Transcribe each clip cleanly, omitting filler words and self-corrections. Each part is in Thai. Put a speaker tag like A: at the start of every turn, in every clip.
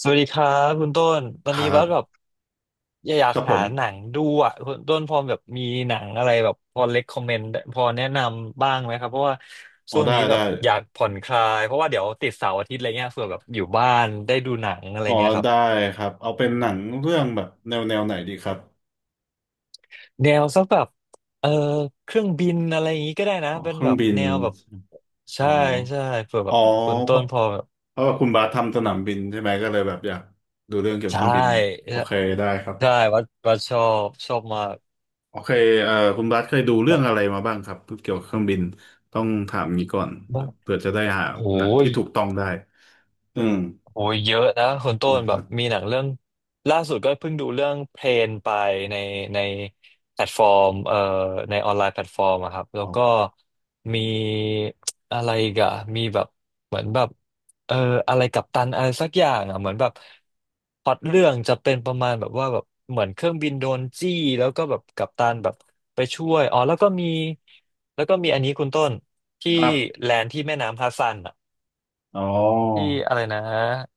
A: สวัสดีครับคุณต้น ตอ
B: ค
A: นนี้
B: รั
A: ว่า
B: บ
A: แบบอยา
B: ค
A: ก
B: รับผ
A: หา
B: ม
A: หนังดูอ่ะคุณต้นพอแบบมีหนังอะไรแบบพอเ e ็กคอมเมนต์พอแนะนำบ้างไหมครับเพราะว่า
B: อ๋อ
A: ช่วง
B: ได้
A: นี้แบ
B: ได้
A: บอยากผ่อนคลายเพราะว่าเดี๋ยวติดเสาร์อาทิตย์อะไรเงี้ยเผื่อแบบอยู่บ้านได้ดูหนังอะไร
B: อ๋อ
A: เงี้ยครับ
B: ได้ครับเอาเป็นหนังเรื่องแบบแนวไหนดีครับ
A: แนวสักแบบเออเครื่องบินอะไรอย่างงี้ก็ได้นะ
B: อ๋อ
A: เป็
B: เค
A: น
B: รื่
A: แบ
B: อง
A: บ
B: บิน
A: แนวแบบ
B: อ๋
A: ใช่
B: อ
A: ใช่เผื่อแบ
B: อ๋อ
A: บคุณ
B: เพ
A: ต้น
B: ราะ
A: พอแบบ
B: เพราะว่าคุณบาสทำสนามบินใช่ไหมก็เลยแบบอยากดูเรื่องเกี่ยวกับ
A: ใช่
B: เครื่องบินโอ
A: ใช่
B: เคได้ครับ
A: ใช่ว่าว่าชอชอบมาก
B: โอเคคุณบาสเคยดูเรื่องอะไรมาบ้างครับเกี่ยวกับเครื่องบินต้องถามงี้ก่อนแบ
A: โอ้า
B: บเผื่อจะได้หา
A: โห
B: หนังที่ถูกต้องได้อืม
A: โอ้ยเยอะนะคุณต้น
B: นะค
A: แบ
B: รั
A: บ
B: บ
A: มีหนังเรื่องล่าสุดก็เพิ่งดูเรื่องเพลนไปในในแพลตฟอร์มในออนไลน์แพลตฟอร์มอะครับแล้
B: อ๋
A: ว
B: อ
A: ก็มีอะไรอีกอะมีแบบเหมือนแบบเอ่ออะไรกัปตันอะไรสักอย่างอะเหมือนแบบพล็อตเรื่องจะเป็นประมาณแบบว่าแบบเหมือนเครื่องบินโดนจี้แล้วก็แบบกัปตันแบบไปช่วยอ๋อแล้วก็มีอันนี้คุณต้นที่
B: ครับ
A: แลนด์ที่แม่น้ำฮัดสซันอะ
B: อ๋อ
A: ที่อะไรนะ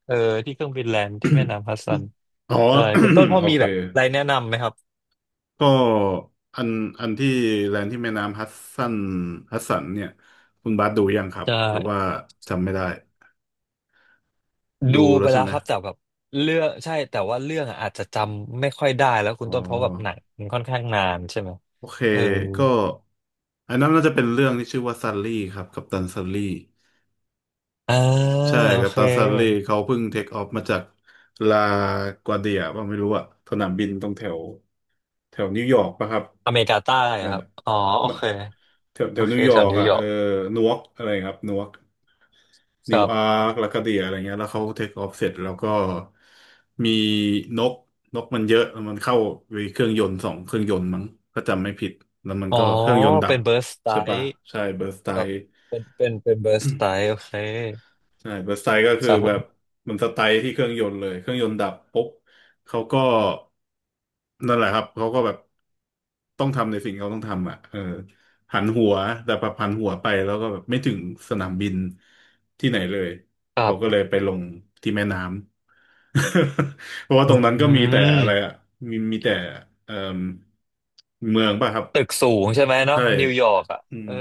A: เออที่เครื่องบินแลนด์ที่แม่ น้ำฮัดสัน
B: อ๋อ
A: ใช่คุณต้นพ อ
B: โอ
A: มี
B: เค
A: แบบอะไรแนะนำไหมครับ
B: ก็อันอันที่แลนด์ที่แม่น้ำสันฮัดสันเนี่ยคุณบาสดูยังครับ
A: จะ
B: หรือว่าจำไม่ได้ดู
A: ดู
B: แล้
A: ไป
B: วใช่
A: แล้ว
B: ไหม
A: ครับแต่แบบเรื่องใช่แต่ว่าเรื่องอะอาจจะจำไม่ค่อยได้แล้วคุณ
B: อ๋อ
A: ต้นเพราะแบบหนังมันค่อนข้างนานใช่ไหม
B: โอเค
A: เออ
B: ก็อันนั้นน่าจะเป็นเรื่องที่ชื่อว่าซันลี่ครับกัปตันซันลี่
A: อ่า
B: ใช่
A: โอ
B: กัป
A: เค
B: ตันซันลี่เขาเพิ่งเทคออฟมาจากลากวาเดียป่ะไม่รู้อะสนามบินตรงแถวแถวนิวยอร์กป่ะครับ
A: อเมริกาใต้
B: เออ
A: อะครับอ๋อโอ
B: มา
A: เค
B: แถว
A: โอ
B: แถว
A: เค
B: นิวย
A: แถ
B: อ
A: ว
B: ร์ก
A: นิว
B: อ่ะ
A: ยอ
B: เอ
A: ร์
B: อ
A: ก
B: นวกอะไรครับนวก
A: ค
B: นิว
A: รั
B: อา
A: บ
B: ร์คลาคาเดียอะไรเงี้ยแล้วเขาเทคออฟเสร็จแล้วก็มีนกนกมันเยอะแล้วมันเข้าไปเครื่องยนต์สองเครื่องยนต์มั้งถ้าจำไม่ผิดแล้วมัน
A: อ๋อ
B: ก็เครื่องยนต์ดั
A: เป็
B: บ
A: นเบิร์สไต
B: ใช่ปะ
A: ล์
B: ใช่เบิร์สไต
A: ครับเป็นเบิร์สไตล์โอเค
B: ใช่เบิร์สไตก็คื
A: ค
B: อ
A: รับผ
B: แบบ
A: ม
B: มันสไตล์ที่เครื่องยนต์เลยเครื่องยนต์ดับปุ๊บเขาก็นั่นแหละครับเขาก็แบบต้องทำในสิ่งเขาต้องทำอ่ะเออหันหัวแต่พอหันหัวไปแล้วก็แบบไม่ถึงสนามบินที่ไหนเลย
A: ครั
B: เขาก็
A: บ
B: เลยไปลงที่แม่น้ำ เพราะว่าตรงนั้น
A: อื
B: ก็มีแต่อะไรอ่ะ
A: ม
B: มีแต่เอ่มเมืองป่ะครับ
A: ตึกสูงใช่ไหมเนาะ
B: ใช่
A: นิวยอร์กอ่ะ
B: อื
A: เอ
B: ม
A: อ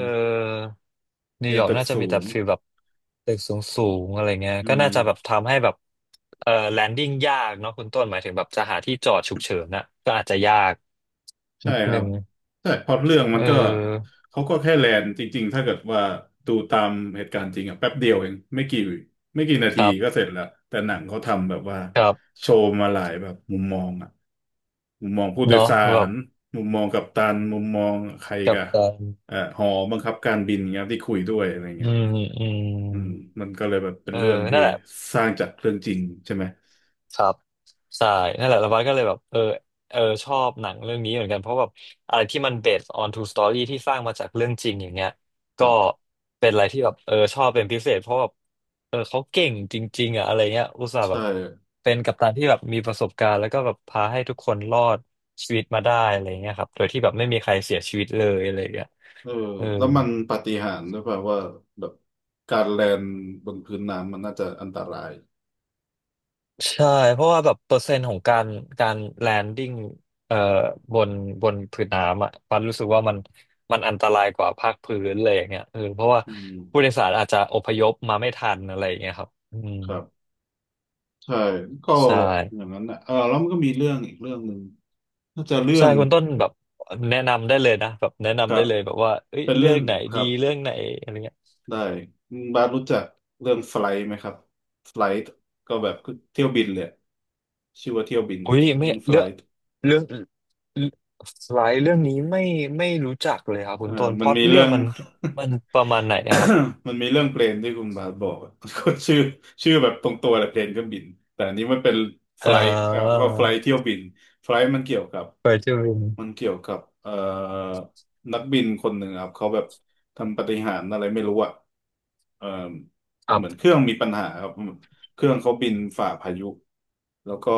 A: นิ
B: มี
A: วย
B: แต่
A: อร์ก
B: ตึก
A: น่าจะมี
B: สู
A: แต่
B: ง
A: ฟีลแบบตึกสูงสูงอะไรเงี้ย
B: อื
A: ก็
B: ม
A: น่าจะแบบทำให้แบบแลนดิ้งยากเนาะคุณต้นหมายถึงแบบจะหาที่จอดฉุกเฉินน่ะก็อาจจะยาก
B: ใช่
A: นิด
B: ครั
A: นึ
B: บ
A: ง
B: ใช่เพราะเรื่อง
A: เอ
B: มันก็
A: อ
B: เขาก็แค่แลนจริงๆถ้าเกิดว่าดูตามเหตุการณ์จริงอะแป๊บเดียวเองไม่กี่นา
A: ค
B: ที
A: รั
B: ก็เส
A: บ
B: ร็จแล้วแต่หนังเขาทำแบบว่า
A: ครับ
B: โชว์มาหลายแบบมุมมองอะมุมมองผู้โดย
A: เนาะ
B: สา
A: แบบ
B: รมุมมองกัปตันมุมมองใคร
A: กับ
B: กะ
A: การ
B: หอบังคับการบินเงี้ยที่คุยด้วยอะไร
A: อื
B: เงี้ย
A: มอื
B: อืม
A: ม
B: มันก็เลยแบบเป็น
A: เออ
B: เรื่องที่
A: นั่นแหละ
B: สร้างจากเรื่องจริงใช่ไหม
A: ครับใช่นั่นแหละแล้วบัสก็เลยแบบเออเออชอบหนังเรื่องนี้เหมือนกันเพราะแบบอะไรที่มัน based on true story ที่สร้างมาจากเรื่องจริงอย่างเงี้ย
B: ค
A: ก็
B: รับ
A: เป็นอะไรที่แบบเออชอบเป็นพิเศษเพราะแบบเออเขาเก่งจริงๆอ่ะอะไรเงี้ยอุตส่าห์แบ
B: ใช่
A: บเป็นกัปตันที่แบบมีประสบการณ์แล้วก็แบบพาให้ทุกคนรอดชีวิตมาได้อะไรเงี้ยครับโดยที่แบบไม่มีใครเสียชีวิตเลยอะไรเงี้ย
B: เออ
A: เออ
B: แล้วมันปาฏิหาริย์ด้วยเปล่าว่าแบบการแลนบนพื้นน้ำมันน่าจะอันตราย
A: ใช่เพราะว่าแบบเปอร์เซ็นต์ของการการแลนดิ้งเอ่อบนผืนน้ำอ่ะปันรู้สึกว่ามันอันตรายกว่าภาคพื้นเลยอย่างเงี้ยเออเพราะว่า
B: อื
A: ผู้โด
B: ม
A: ยสารอาจจะอพยพมาไม่ทันอะไรอย่างเงี้ยครับอืม
B: ครับใช่ก็
A: ใช่
B: อย่างนั้นนะเออแล้วมันก็มีเรื่องอีกเรื่องหนึ่งน่าจะเรื่อ
A: ใช่
B: ง
A: คุณต้นแบบแนะนำได้เลยนะแบบแนะ
B: ค
A: นำ
B: รั
A: ได้
B: บ
A: เลยแบบว่าเอ้ย
B: เป็น
A: เรื่อ
B: เรื่อ
A: ง
B: ง
A: ไหน
B: ค
A: ดี
B: รับ
A: เรื่องไหนอะไรเงี้ย
B: ได้บาสรู้จักเรื่องไฟล์ไหมครับไฟล์ก็แบบเที่ยวบินเลยชื่อว่าเที่ยวบิน
A: อุ้ยไม่
B: เรื่องไฟ
A: เรือก
B: ล์
A: เรื่องสไลด์เรื่องนี้ไม่รู้จักเลยครับคุ
B: เออ
A: ณต้นพ
B: มัน
A: ล็อต
B: มี
A: เรื่
B: เรื่
A: อ
B: อ
A: ง
B: ง
A: มันประมาณไหนอะครับ
B: มันมีเรื่องเพลนที่คุณบาสบอกอะ ก็ชื่อชื่อแบบตรงตัวแหละเพลนเครื่องบินแต่อันนี้มันเป็นไฟ
A: เออ
B: ล์ก็ไฟล์เที่ยวบินไฟล์มันเกี่ยวกับ
A: เคยทีิน
B: มันเกี่ยวกับนักบินคนหนึ่งครับเขาแบบทำปาฏิหาริย์อะไรไม่รู้อ่ะเอ่อ
A: ครั
B: เหมือนเครื่
A: บ
B: องมีปัญหาครับเครื่องเขาบินฝ่าพายุแล้วก็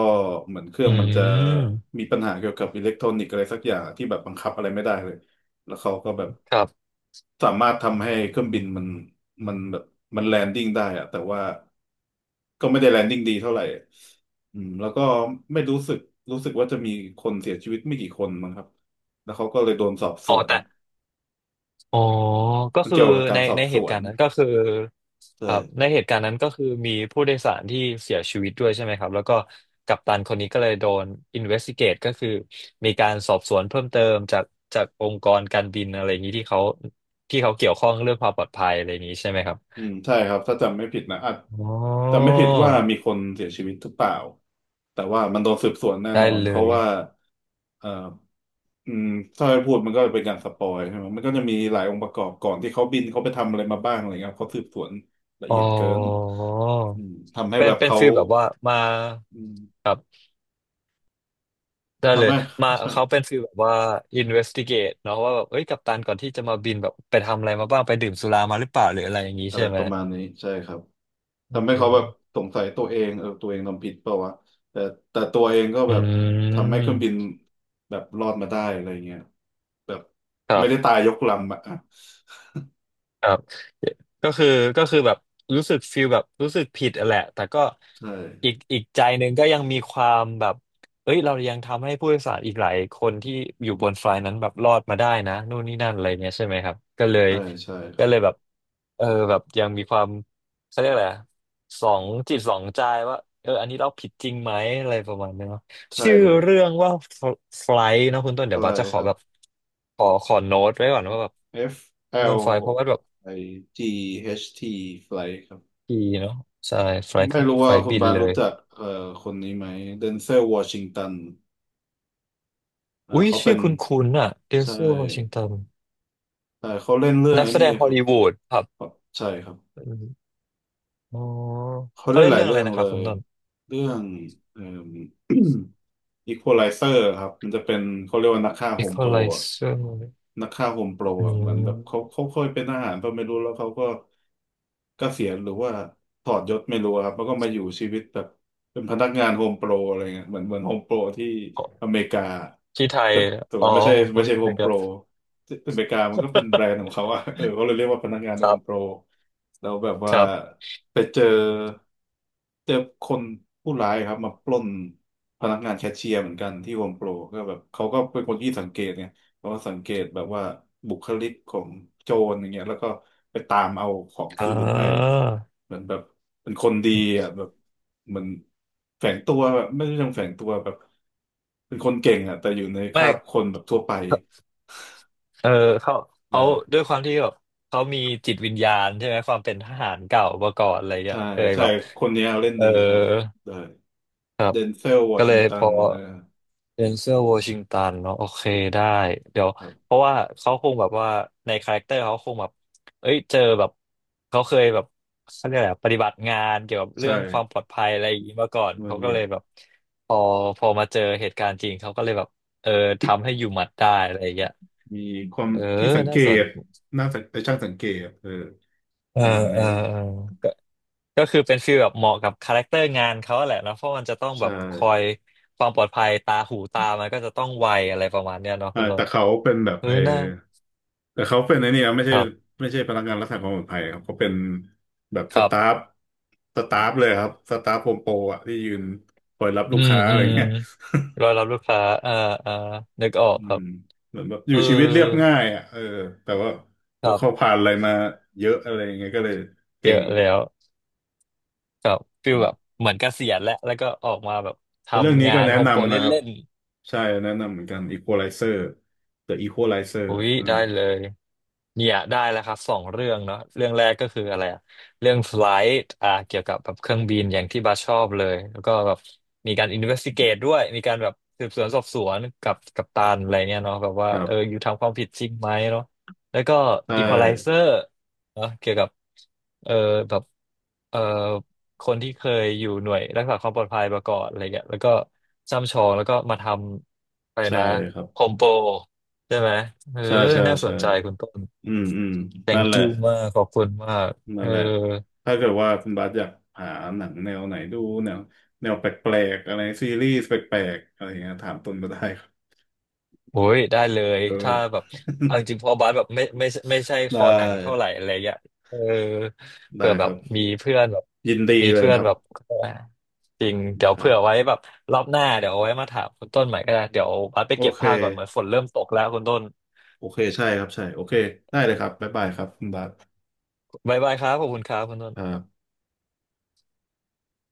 B: เหมือนเครื่อ
A: อื
B: งมันจะ
A: ม
B: มีปัญหาเกี่ยวกับอิเล็กทรอนิกส์อะไรสักอย่างที่แบบบังคับอะไรไม่ได้เลย แล้วเขาก็แบบ
A: ครับ
B: สามารถทำให้เครื่องบินมันแบบมันแลนดิ้งได้อะแต่ว่าก็ไม่ได้แลนดิ้งดีเท่าไหร่อืมแล้วก็ไม่รู้สึกรู้สึกว่าจะมีคนเสียชีวิตไม่กี่คนมั้งครับแล้วเขาก็เลยโดนสอบส
A: อ๋อ
B: วน
A: แต่อ๋อก็
B: มัน
A: คือ
B: เกี่ยวกับกา
A: ใน
B: รสอ
A: ใน
B: บส
A: เหตุ
B: ว
A: กา
B: น
A: รณ์นั้นก็คือครับ
B: ใช่
A: ในเหตุการณ์นั้นก็คือมีผู้โดยสารที่เสียชีวิตด้วยใช่ไหมครับแล้วก็กัปตันคนนี้ก็เลยโดน investigate ก็คือมีการสอบสวนเพิ่มเติมจากองค์กรการบินอะไรอย่างนี้ที่เขาเกี่ยวข้องเรื่องความปลอดภัยอะไรอย่างนี้ใช่ไหมครับ
B: อืมใช่ครับถ้าจำไม่ผิดนะอาจ
A: อ๋
B: จำไม่
A: อ
B: ผิดว่ามีคนเสียชีวิตหรือเปล่าแต่ว่ามันโดนสืบสวนแน่
A: ได้
B: นอน
A: เล
B: เพราะ
A: ย
B: ว่าเอ่ออืมถ้าให้พูดมันก็เป็นการสปอยใช่ไหมมันก็จะมีหลายองค์ประกอบก่อนที่เขาบินเขาไปทำอะไรมาบ้างอะไรเงี้ยเขาสืบสวนละ
A: อ๋อ
B: เอียดเกินทำให้
A: เป็
B: แบ
A: น
B: บ
A: เป็น
B: เขา
A: ฟีลแบบว่ามา
B: อืม
A: ครับ ได้เล
B: ทำ
A: ย
B: ให้
A: มา
B: ใช่
A: เขาเป็นฟีลแบบว่า investigate เนาะว่าแบบเอ้ยกัปตันก่อนที่จะมาบินแบบไปทำอะไรมาบ้างไปดื่มสุรามาหรือเปล่าหรืออะไรอย่างนี้
B: อะ
A: ใช่
B: ไร
A: ไห
B: ป
A: ม
B: ระมาณนี้ใช่ครับ
A: เอ
B: ทำให้เขาแบบ
A: อ
B: สงสัยตัวเองเออตัวเองทำผิดเปล่าวะแต่แต่ตัวเองก็
A: อื
B: แบบทำให้เครื่องบิน
A: ม
B: แบบรอดมาได้อะไรเงี้ยแบบ
A: ครั
B: ไม่ได้ตา
A: บ
B: ยยกลำอะอ่ะ
A: ครับก็คือแบบรู้สึกฟีลแบบรู้สึกผิดอะแหละแต่ก็
B: ใช่
A: อีกใจหนึ่งก็ยังมีความแบบเอ้ยเรายังทำให้ผู้โดยสารอีกหลายคนที่อยู่บนไฟล์นั้นแบบรอดมาได้นะนู่นนี่นั่นอะไรเงี้ยใช่ไหมครับก็เลย
B: ใช่ใช่ครับ
A: แบบเออแบบยังมีความเขาเรียกอะไรอะสองจิตสองใจว่าเอออันนี้เราผิดจริงไหมอะไรประมาณนี้เนาะ
B: ใช่
A: ชื่อ
B: เลย
A: เรื่องว่าไฟล์เนาะคุณต้นเดี๋ย
B: อะ
A: ว
B: ไร
A: บัสจะขอ
B: ครั
A: แบ
B: บ
A: บขอโน้ตไว้ก่อนว่าแบบ
B: F
A: เรื่องไฟล์เพราะ
B: L
A: ว่าแบบ
B: I G H T flight ครับ
A: ดีเนาะใช่ไฟล์
B: ไม่รู้
A: ไฟ
B: ว่า
A: ล์
B: คุณ
A: บิน
B: บาส
A: เล
B: รู้
A: ย
B: จักคนนี้ไหมเดนเซลวอชิงตันอ่า
A: อุ้ย
B: เขาเป็
A: ชื่อ
B: น
A: คุณคุณนๆอะเดน
B: ใช่
A: ซิลวอชิงตัน
B: ใช่เขาเล่นเรื่อง
A: นัก
B: ไอ้
A: แส
B: นี่
A: ดงฮ
B: ค
A: อล
B: รับ
A: ลีวูดครับ
B: ใช่ครับ
A: อมอ๋อ
B: เขา
A: เขา
B: เล่น
A: เล่
B: ห
A: น
B: ลาย
A: เรื่องอะ
B: เรื่
A: ไร
B: อง
A: นะค
B: เล
A: รับคุ
B: ย
A: ณต้น
B: เรื่องเอ่อ Equalizer ครับมันจะเป็นเขาเรียกว่านักฆ่าโฮมโปร
A: Equalizer
B: นักฆ่าโฮมโปร
A: อื
B: อ่ะเหมือนแบบเขา
A: ม
B: เขาเคยเป็นทหารก็ไม่รู้แล้วเขาก็เกษียณหรือว่าถอดยศไม่รู้อะครับแล้วก็มาอยู่ชีวิตแบบเป็นพนักงานโฮมโปรอะไรเงี้ยเหมือนโฮมโปรที่อเมริกา
A: ที่ไทย
B: แต่แต่
A: อ๋อ
B: ว่าไม่ใช่
A: ผมพู
B: ไม่
A: ด
B: ใช่โฮ
A: ไม่
B: ม
A: ค
B: โป
A: รั
B: ร
A: บ
B: ที่อเมริกามันก็เป็นแบรนด์ของเขาอะ เออเขาเลยเรียกว่าพนักงาน
A: ค
B: โฮ
A: รั
B: มโปร
A: บ
B: แล้วแบบ
A: ค
B: ว่า
A: รับ
B: ไปเจอคนผู้ร้ายครับมาปล้นพนักงานแคชเชียร์เหมือนกันที่โฮมโปรก็แบบเขาก็เป็นคนที่สังเกตไง เพราะว่าสังเกตแบบว่าบุคลิกของโจรอย่างเงี้ยแล้วก็ไปตามเอาของ
A: อ่
B: คืนให้
A: า
B: เหมือนแบบเป็นคนดีอ่ะแบบเหมือนแฝงตัวแบบไม่ใช่เชิงแฝงตัวแบบเป็นคนเก่งอ่ะแต่อยู่ในค
A: ไม่
B: ราบคนแบบทั่วไป
A: เออเขา
B: ได้
A: เขาด้วยความที่แบบเขามีจิตวิญญาณใช่ไหมความเป็นทหารเก่ามาก่อนอะไรเงี้
B: ใช่
A: ยเคย
B: ใช่
A: แบบ
B: คนเนี้ยเล่น
A: เออ
B: ดีครับได้
A: ครับ
B: เดนเซลวอ
A: ก็เล
B: ชิง
A: ย
B: ตั
A: พ
B: น
A: อ
B: เออ
A: เดนเซลวอชิงตันเนาะโอเคได้เดี๋ยว
B: ครั
A: เพ
B: บ
A: ราะว่าเขาคงแบบว่าในคาแรคเตอร์เขาคงแบบเอ้ยเจอแบบเขาเคยแบบเขาเรียกอะไรอะปฏิบัติงานเกี่ยวกับ
B: ใช่
A: เรื่องความปลอดภัยอะไรอย่างนี้มาก่อน
B: มัน
A: เขาก็
B: มี
A: เล
B: แบ
A: ย
B: บ
A: แบบพอพอมาเจอเหตุการณ์จริงเขาก็เลยแบบเออทำให้อยู่หมัดได้อะไรอย่างเงี้ย
B: มีความ
A: เออ
B: ที่สังเก
A: น่าสน
B: ตน่าสังช่างสังเกตเออ
A: เอ
B: ป
A: อ
B: ระมาณ
A: เอ
B: นี้
A: อเออก็ก็คือเป็นฟีลแบบเหมาะกับคาแรคเตอร์งานเขาแหละนะเพราะมันจะต้องแบ
B: ใช่
A: บคอยความปลอดภัยตาหูตามันก็จะต้องไวอะไรประมาณเนี้ยเนาะ
B: อ่า
A: คุณต้
B: แต่
A: น
B: เขาเป็นแบบ
A: เออ
B: เออ
A: น่า
B: แต่เขาเป็นไอ้นี่นะไม่
A: ค
B: ใช่
A: รับ
B: ไม่ใช่พนักงานรักษาความปลอดภัยครับเขาเป็นแบบ
A: ค
B: ส
A: รับ
B: ตาฟเลยครับสตาฟโฮมโปรอะที่ยืนคอยรับลู
A: อื
B: ก
A: ม
B: ค้าอะ
A: อื
B: ไร
A: ม
B: เงี้ย
A: รอ รับลูกค้า อ่าอ่านึกออก
B: อื
A: ครั
B: ม
A: บ
B: เหมือนแบบอ
A: เอ
B: ยู่
A: อ
B: ชีวิตเรียบง่ายอ่ะเออแต่ว่า
A: ค
B: เขา
A: รั
B: เขา
A: บ
B: ผ่านอะไรมาเยอะอะไรอย่างเงี้ยก็เลย
A: เย
B: เก่ง
A: อะแล้วครับฟีล
B: อื
A: แบบ
B: ม
A: เหมือนเกษียณแล้วแล้วก็ออกมาแบบ ท
B: แต่เรื่อง
A: ำ
B: นี้
A: งา
B: ก็
A: น
B: แนะ
A: โฮมโปร
B: นำ
A: เ
B: นะครับ
A: ล่นๆ
B: ใช่แนะนำเหมือนกัน Equalizer The Equalizer
A: อุ๊ย
B: อืม
A: ได้เลยเนี่ยได้แล้วครับสองเรื่องเนาะเรื่องแรกก็คืออะไรอะเรื่องไฟลท์อ่าเกี่ยวกับแบบเครื่องบินอย่างที่บาสชอบเลยแล้วก็แบบมีการอินเวสติเกตด้วยมีการแบบสืบสวนสอบสวนกับกัปตันอะไรเนี่ยเนาะแบบว่า
B: ครั
A: เออ
B: บ
A: อยู่ทำความผิดจริงไหมเนาะแล้วก็
B: ใช่
A: อีควอไลเซอร์เนาะเกี่ยวกับเออแบบเออคนที่เคยอยู่หน่วยรักษาความปลอดภัยมาก่อนอะไรเงี้ยแล้วก็ช่ำชองแล้วก็มาทำอะไร
B: ใช่
A: นะ
B: ครับ
A: โฮมโปร ใช่ไหมเออ
B: ใช่ใช่
A: น่าส
B: ใช่
A: นใจคุณต้น
B: อืมอืมนั่น
A: thank
B: แหละ
A: you มากขอบคุณมาก
B: นั่
A: เอ
B: น
A: อ
B: แหละถ้าเกิดว่าคุณบาสอยากหาหนังแนวไหนดูแนวแนวแปลกๆอะไรซีรีส์แปลกๆอะไรอย่างเงี้ยถามตุนมาได้ครับ
A: โอ้ยได้เลย
B: เออ
A: ถ้าแบบเอา จริงๆเพอบาสแบบไม่ใช่ค
B: ได
A: อหนังเท่าไห
B: ้
A: ร่อะไรเงี้ยเออ
B: ได้
A: เผื่อแบ
B: ค
A: บ
B: รับ
A: มีเพื่อนแบบ
B: ยินดี
A: มี
B: เลย
A: เพื่อ
B: ค
A: น
B: รับ
A: แบบจริงเดี๋ย
B: ค
A: ว
B: รั
A: เผื่
B: บ
A: อไว้แบบรอบหน้าเดี๋ยวเอาไว้มาถามคุณต้นใหม่ก็ได้เดี๋ยวบาสไป
B: โอ
A: เก็บ
B: เค
A: ผ้าก่อนเหมือนฝนเริ่มตกแล้วคุณต้น
B: โอเคใช่ครับใช่โอเคได้เลยครับบ๊ายบายครับคุณบาส
A: บ๊ายบายครับขอบคุณครับคุณต้
B: ครั
A: น
B: บ